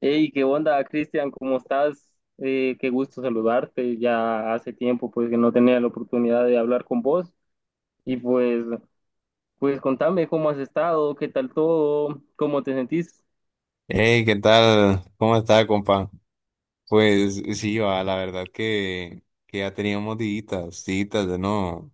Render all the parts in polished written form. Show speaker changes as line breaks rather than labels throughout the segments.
Hey, ¿qué onda, Cristian? ¿Cómo estás? Qué gusto saludarte. Ya hace tiempo pues que no tenía la oportunidad de hablar con vos y pues contame cómo has estado, qué tal todo, cómo te sentís.
Hey, ¿qué tal? ¿Cómo está, compa? Pues sí, va, la verdad que ya teníamos días de no,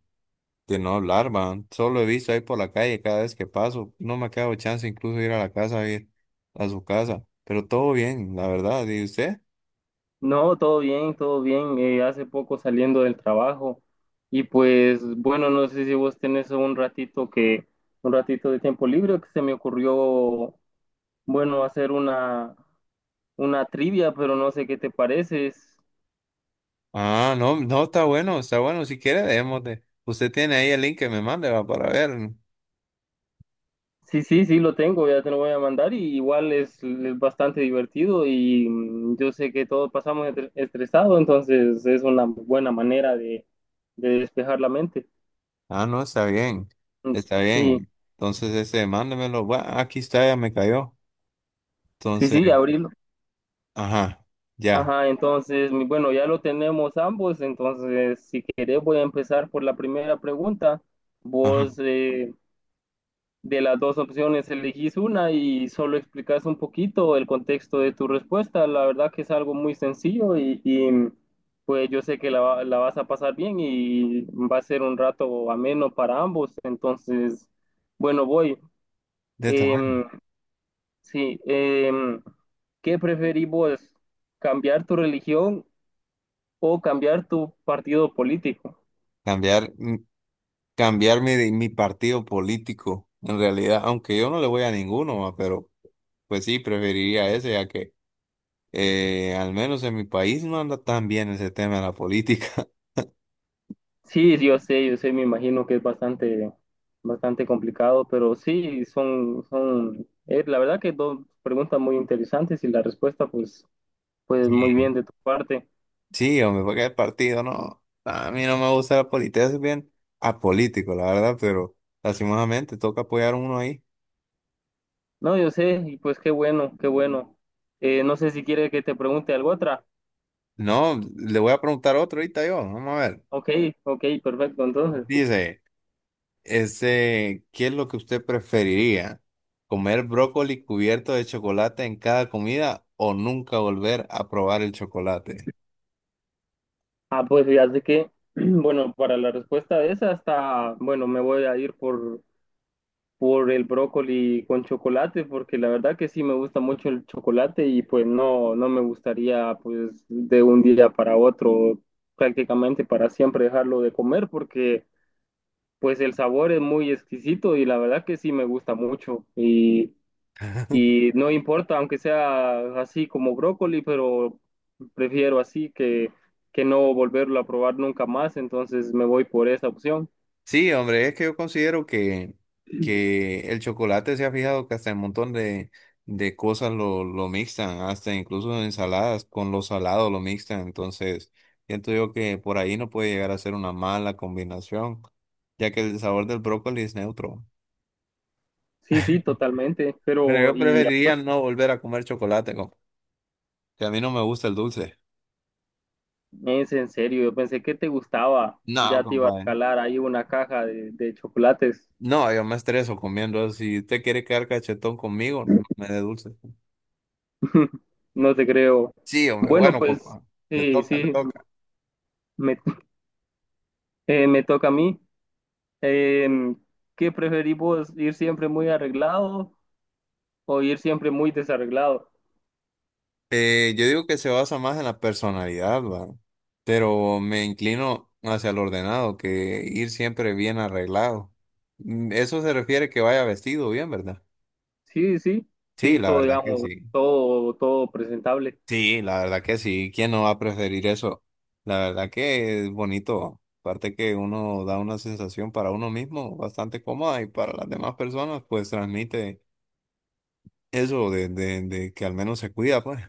de no hablar, va. Solo he visto ahí por la calle cada vez que paso. No me ha quedado chance incluso de ir a la casa, a ir a su casa. Pero todo bien, la verdad. ¿Y usted?
No, todo bien, todo bien. Hace poco saliendo del trabajo y pues bueno, no sé si vos tenés un ratito que un ratito de tiempo libre que se me ocurrió bueno hacer una trivia, pero no sé qué te parece.
Ah, no, no, está bueno, está bueno. Si quiere, démosle. Usted tiene ahí el link que me mande, va, para ver.
Sí, sí, sí, lo tengo, ya te lo voy a mandar y igual es bastante divertido y yo sé que todos pasamos estresados, entonces es una buena manera de despejar la mente.
Ah, no, está bien,
Mm.
está
Sí,
bien. Entonces, ese, mándemelo. Bueno, aquí está, ya me cayó.
sí,
Entonces,
sí, abrirlo.
ajá, ya.
Ajá, entonces, bueno, ya lo tenemos ambos, entonces si querés voy a empezar por la primera pregunta.
Ajá.
Vos, de las dos opciones, elegís una y solo explicas un poquito el contexto de tu respuesta. La verdad que es algo muy sencillo y, pues yo sé que la vas a pasar bien y va a ser un rato ameno para ambos. Entonces, bueno, voy.
De tamaño.
Em, sí, ¿qué preferís vos? ¿Cambiar tu religión o cambiar tu partido político?
Cambiar, mm, cambiar mi partido político, en realidad, aunque yo no le voy a ninguno, va, pero pues sí, preferiría ese, ya que al menos en mi país no anda tan bien ese tema de la política.
Sí, yo sé, me imagino que es bastante, bastante complicado, pero sí, son, son, la verdad que dos preguntas muy interesantes y la respuesta, pues, pues muy
Sí,
bien de tu parte.
sí, hombre, porque el partido no, a mí no me gusta la política, es bien apolítico, la verdad, pero lastimosamente toca apoyar uno ahí.
No, yo sé, y pues qué bueno, qué bueno. No sé si quiere que te pregunte algo otra.
No, le voy a preguntar otro ahorita yo, vamos a ver.
Ok, ok, perfecto, entonces.
Dice. Ese, ¿qué es lo que usted preferiría? ¿Comer brócoli cubierto de chocolate en cada comida o nunca volver a probar el chocolate?
Ah, pues fíjate que, bueno, para la respuesta de esa hasta, bueno, me voy a ir por el brócoli con chocolate, porque la verdad que sí me gusta mucho el chocolate y pues no, no me gustaría pues de un día para otro prácticamente para siempre dejarlo de comer porque pues el sabor es muy exquisito y la verdad que sí me gusta mucho y no importa aunque sea así como brócoli, pero prefiero así que no volverlo a probar nunca más, entonces me voy por esa opción.
Sí, hombre, es que yo considero que el chocolate se ha fijado que hasta un montón de cosas lo mixtan, hasta incluso en ensaladas con lo salado lo mixtan, entonces siento yo que por ahí no puede llegar a ser una mala combinación, ya que el sabor del brócoli es neutro.
Sí, sí, totalmente,
Pero
pero
yo
y
preferiría no volver a comer chocolate, compa. Que a mí no me gusta el dulce.
es en serio, yo pensé que te gustaba.
No,
Ya te iba a
compadre.
regalar ahí una caja de chocolates.
No, yo me estreso comiendo eso. Si usted quiere quedar cachetón conmigo, no me dé dulce.
No te creo.
Sí, hombre,
Bueno,
bueno,
pues
compadre. Le
sí,
toca, le
sí,
toca.
me, me toca a mí. Em, ¿Qué preferís vos, ir siempre muy arreglado o ir siempre muy desarreglado?
Yo digo que se basa más en la personalidad, ¿va? Pero me inclino hacia el ordenado, que ir siempre bien arreglado. Eso se refiere que vaya vestido bien, ¿verdad?
Sí, sí,
Sí,
sí,
la
todo,
verdad que
digamos,
sí.
todo, todo presentable.
Sí, la verdad que sí, ¿quién no va a preferir eso? La verdad que es bonito, aparte que uno da una sensación para uno mismo bastante cómoda y para las demás personas pues transmite eso de que al menos se cuida pues.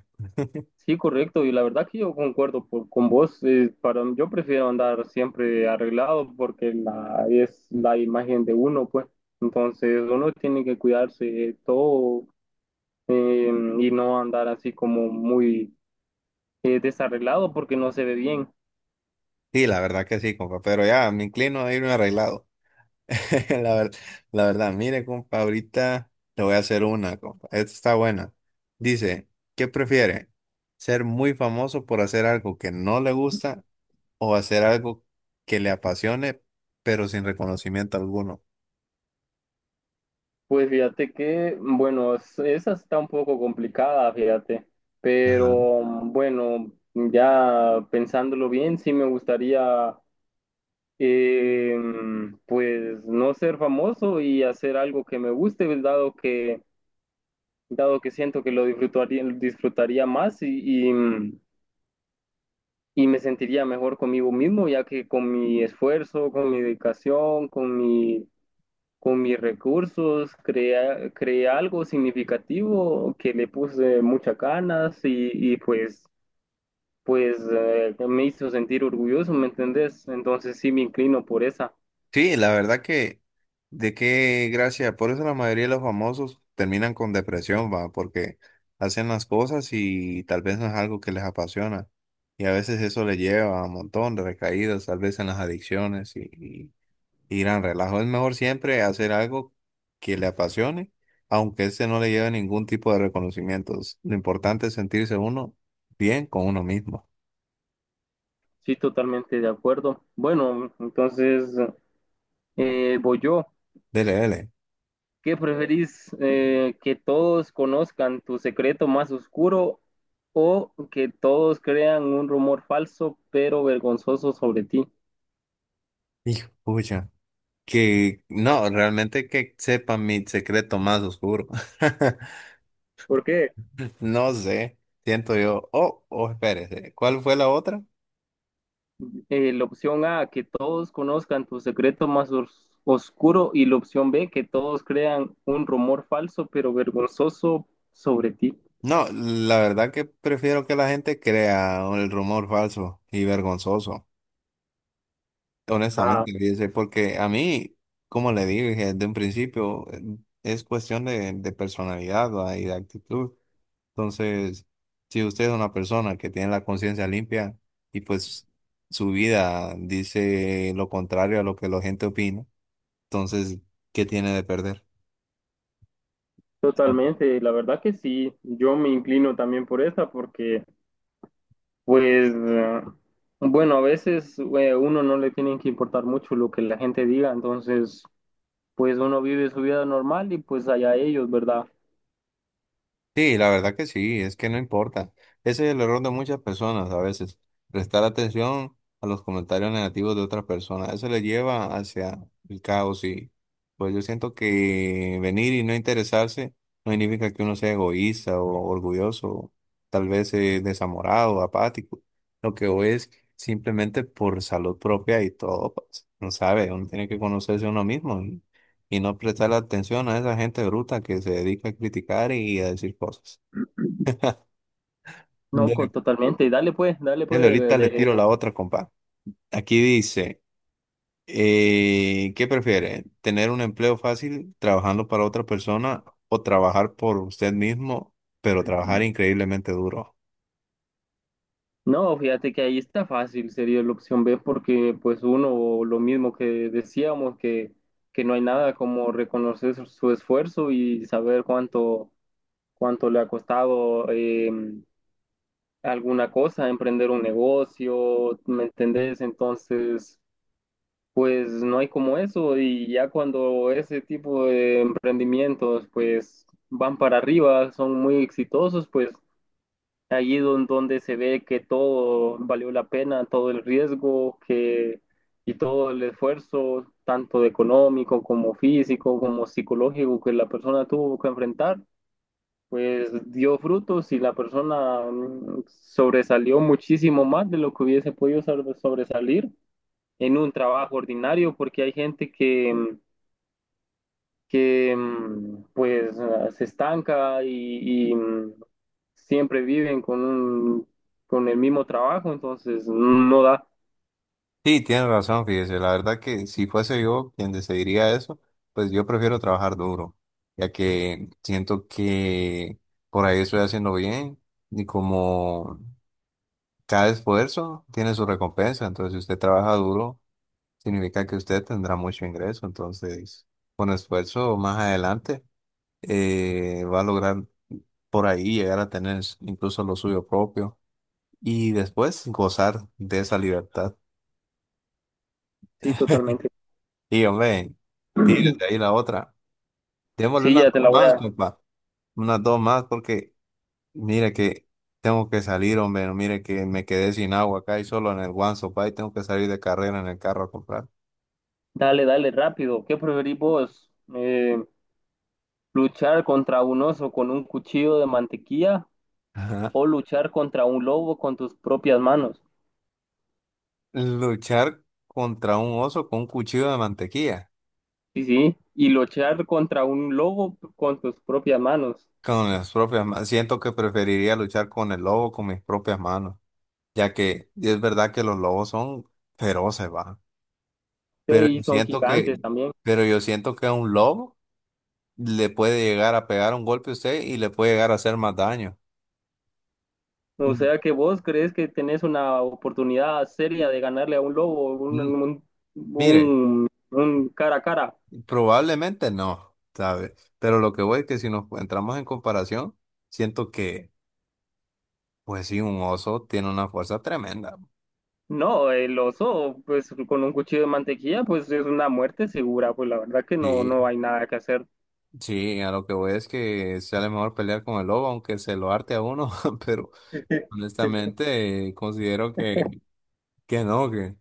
Sí, correcto, y la verdad que yo concuerdo con vos, para, yo prefiero andar siempre arreglado porque es la imagen de uno, pues, entonces uno tiene que cuidarse de todo eh, y no andar así como muy desarreglado porque no se ve bien.
Sí, la verdad que sí, compa, pero ya me inclino a irme arreglado. La ver- la verdad, mire, compa, ahorita le voy a hacer una, compa, esta está buena. Dice, ¿qué prefiere? ¿Ser muy famoso por hacer algo que no le gusta o hacer algo que le apasione, pero sin reconocimiento alguno?
Pues fíjate que, bueno, esa está un poco complicada, fíjate,
Ajá.
pero bueno, ya pensándolo bien, sí me gustaría eh, pues no ser famoso y hacer algo que me guste, pues, dado que siento que lo disfrutaría, disfrutaría más y, y me sentiría mejor conmigo mismo, ya que con mi esfuerzo, con mi dedicación, con mi, con mis recursos, creé algo significativo que le puse muchas ganas y pues, pues me hizo sentir orgulloso, ¿me entendés? Entonces sí me inclino por esa.
Sí, la verdad que, de qué gracia, por eso la mayoría de los famosos terminan con depresión, va, porque hacen las cosas y tal vez no es algo que les apasiona. Y a veces eso les lleva a un montón de recaídas, tal vez en las adicciones y gran relajo. Es mejor siempre hacer algo que le apasione, aunque ese no le lleve ningún tipo de reconocimientos. Lo importante es sentirse uno bien con uno mismo.
Sí, totalmente de acuerdo. Bueno, entonces voy yo.
Dele, dele.
¿Qué preferís que todos conozcan tu secreto más oscuro o que todos crean un rumor falso pero vergonzoso sobre ti?
Hijo, pucha. Que no, realmente que sepa mi secreto más oscuro.
¿Por qué?
No sé, siento yo. Oh, oh, espérese. ¿Cuál fue la otra?
La opción A, que todos conozcan tu secreto más oscuro, y la opción B, que todos crean un rumor falso pero vergonzoso sobre ti.
No, la verdad que prefiero que la gente crea el rumor falso y vergonzoso.
Ah.
Honestamente, dice, porque a mí, como le dije desde un principio, es cuestión de personalidad, ¿va? Y de actitud. Entonces, si usted es una persona que tiene la conciencia limpia y pues su vida dice lo contrario a lo que la gente opina, entonces, ¿qué tiene de perder?
Totalmente, la verdad que sí, yo me inclino también por esa porque, pues, bueno, a veces uno no le tiene que importar mucho lo que la gente diga, entonces, pues uno vive su vida normal y pues allá ellos, ¿verdad?
Sí, la verdad que sí, es que no importa. Ese es el error de muchas personas a veces, prestar atención a los comentarios negativos de otras personas. Eso le lleva hacia el caos y pues yo siento que venir y no interesarse no significa que uno sea egoísta o orgulloso, o tal vez desamorado, apático. Lo que o es simplemente por salud propia y todo, pues, no sabe, uno tiene que conocerse a uno mismo y no prestar atención a esa gente bruta que se dedica a criticar y a decir cosas.
No,
Dele,
totalmente, dale pues,
dele,
de,
ahorita le
de-
tiro la otra, compa. Aquí dice, ¿qué prefiere? ¿Tener un empleo fácil trabajando para otra persona o trabajar por usted mismo, pero trabajar increíblemente duro?
No, fíjate que ahí está fácil, sería la opción B, porque pues uno, lo mismo que decíamos, que no hay nada como reconocer su esfuerzo y saber cuánto, cuánto le ha costado alguna cosa, emprender un negocio, ¿me entendés? Entonces, pues no hay como eso y ya cuando ese tipo de emprendimientos pues van para arriba, son muy exitosos, pues allí donde se ve que todo valió la pena, todo el riesgo que, y todo el esfuerzo, tanto de económico como físico, como psicológico que la persona tuvo que enfrentar, pues dio frutos y la persona sobresalió muchísimo más de lo que hubiese podido sobresalir en un trabajo ordinario, porque hay gente que... que pues ah, se estanca y, siempre viven con un, con el mismo trabajo, entonces no da.
Sí, tiene razón, fíjese. La verdad que si fuese yo quien decidiría eso, pues yo prefiero trabajar duro, ya que siento que por ahí estoy haciendo bien y como cada esfuerzo tiene su recompensa, entonces si usted trabaja duro, significa que usted tendrá mucho ingreso, entonces con esfuerzo más adelante va a lograr por ahí llegar a tener incluso lo suyo propio y después gozar de esa libertad.
Sí, totalmente.
Y hombre, tírese ahí la otra. Démosle
Sí,
unas
ya te
dos
la voy
más,
a...
compa. Unas dos más porque mire que tengo que salir, hombre. No, mire que me quedé sin agua acá y solo en el One Sopa y tengo que salir de carrera en el carro a comprar.
Dale, dale, rápido. ¿Qué preferís vos? ¿Luchar contra un oso con un cuchillo de mantequilla o luchar contra un lobo con tus propias manos?
Luchar contra un oso con un cuchillo de mantequilla,
Sí, sí. Y luchar contra un lobo con tus propias manos.
con las propias manos. Siento que preferiría luchar con el lobo con mis propias manos, ya que es verdad que los lobos son feroces, va.
Sí,
Pero yo
y son
siento
gigantes
que,
también.
pero yo siento que a un lobo le puede llegar a pegar un golpe a usted y le puede llegar a hacer más daño.
O
Mm,
sea que vos crees que tenés una oportunidad seria de ganarle a un lobo,
mm,
un,
Mire,
un cara a cara.
probablemente no, ¿sabe? Pero lo que voy es que si nos entramos en comparación, siento que, pues sí, un oso tiene una fuerza tremenda.
No, el oso, pues con un cuchillo de mantequilla, pues es una muerte segura, pues la verdad que no, no
Sí,
hay nada que hacer.
sí, a lo que voy es que sale mejor pelear con el lobo, aunque se lo arte a uno, pero honestamente considero que, que no, que,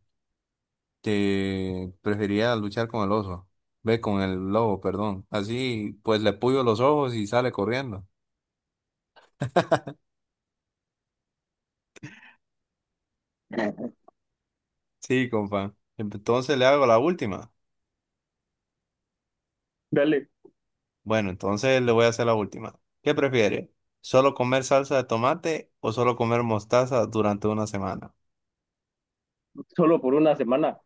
que prefería luchar con el oso, ve, con el lobo, perdón. Así pues le puyo los ojos y sale corriendo. Sí, compa. Entonces le hago la última.
Dale,
Bueno, entonces le voy a hacer la última. ¿Qué prefiere? ¿Solo comer salsa de tomate o solo comer mostaza durante una semana?
solo por una semana.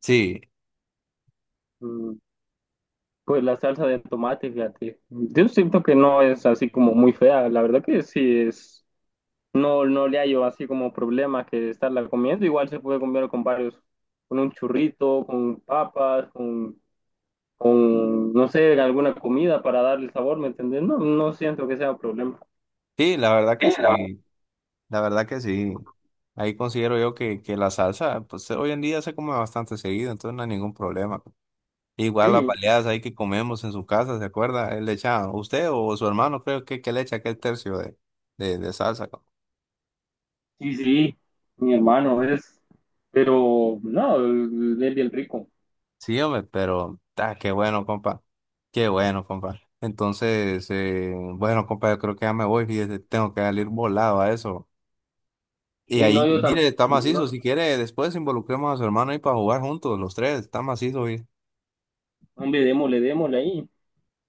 Sí,
Mm. Pues la salsa de tomate, fíjate. Yo siento que no es así como muy fea, la verdad que sí es. No, no le hallo así como problema que estarla comiendo. Igual se puede comer con varios, con un churrito, con papas, con no sé, alguna comida para darle sabor, ¿me entendés? No, no siento que sea un problema.
sí, la verdad que
Sí, la verdad.
sí. La verdad que sí. Ahí considero yo que la salsa, pues hoy en día se come bastante seguido, entonces no hay ningún problema. Igual las
Sí,
baleadas ahí que comemos en su casa, ¿se acuerda? Él le echaba, usted o su hermano creo que le echa aquel tercio de salsa.
sí, sí, mi hermano es, pero no, él es bien rico.
Sí, hombre, pero ah, qué bueno, compa. Qué bueno, compa. Entonces, bueno, compa, yo creo que ya me voy, fíjese, tengo que salir volado a eso. Y
Sí, no,
ahí,
yo también,
mire, está macizo,
no,
si quiere, después involucremos a su hermano ahí para jugar juntos, los tres, está macizo.
hombre, démosle, démosle ahí,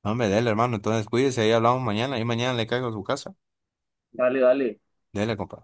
No, hombre, dele, hermano. Entonces cuídese, ahí hablamos mañana. Ahí mañana le caigo a su casa.
dale, dale.
Dele, compa.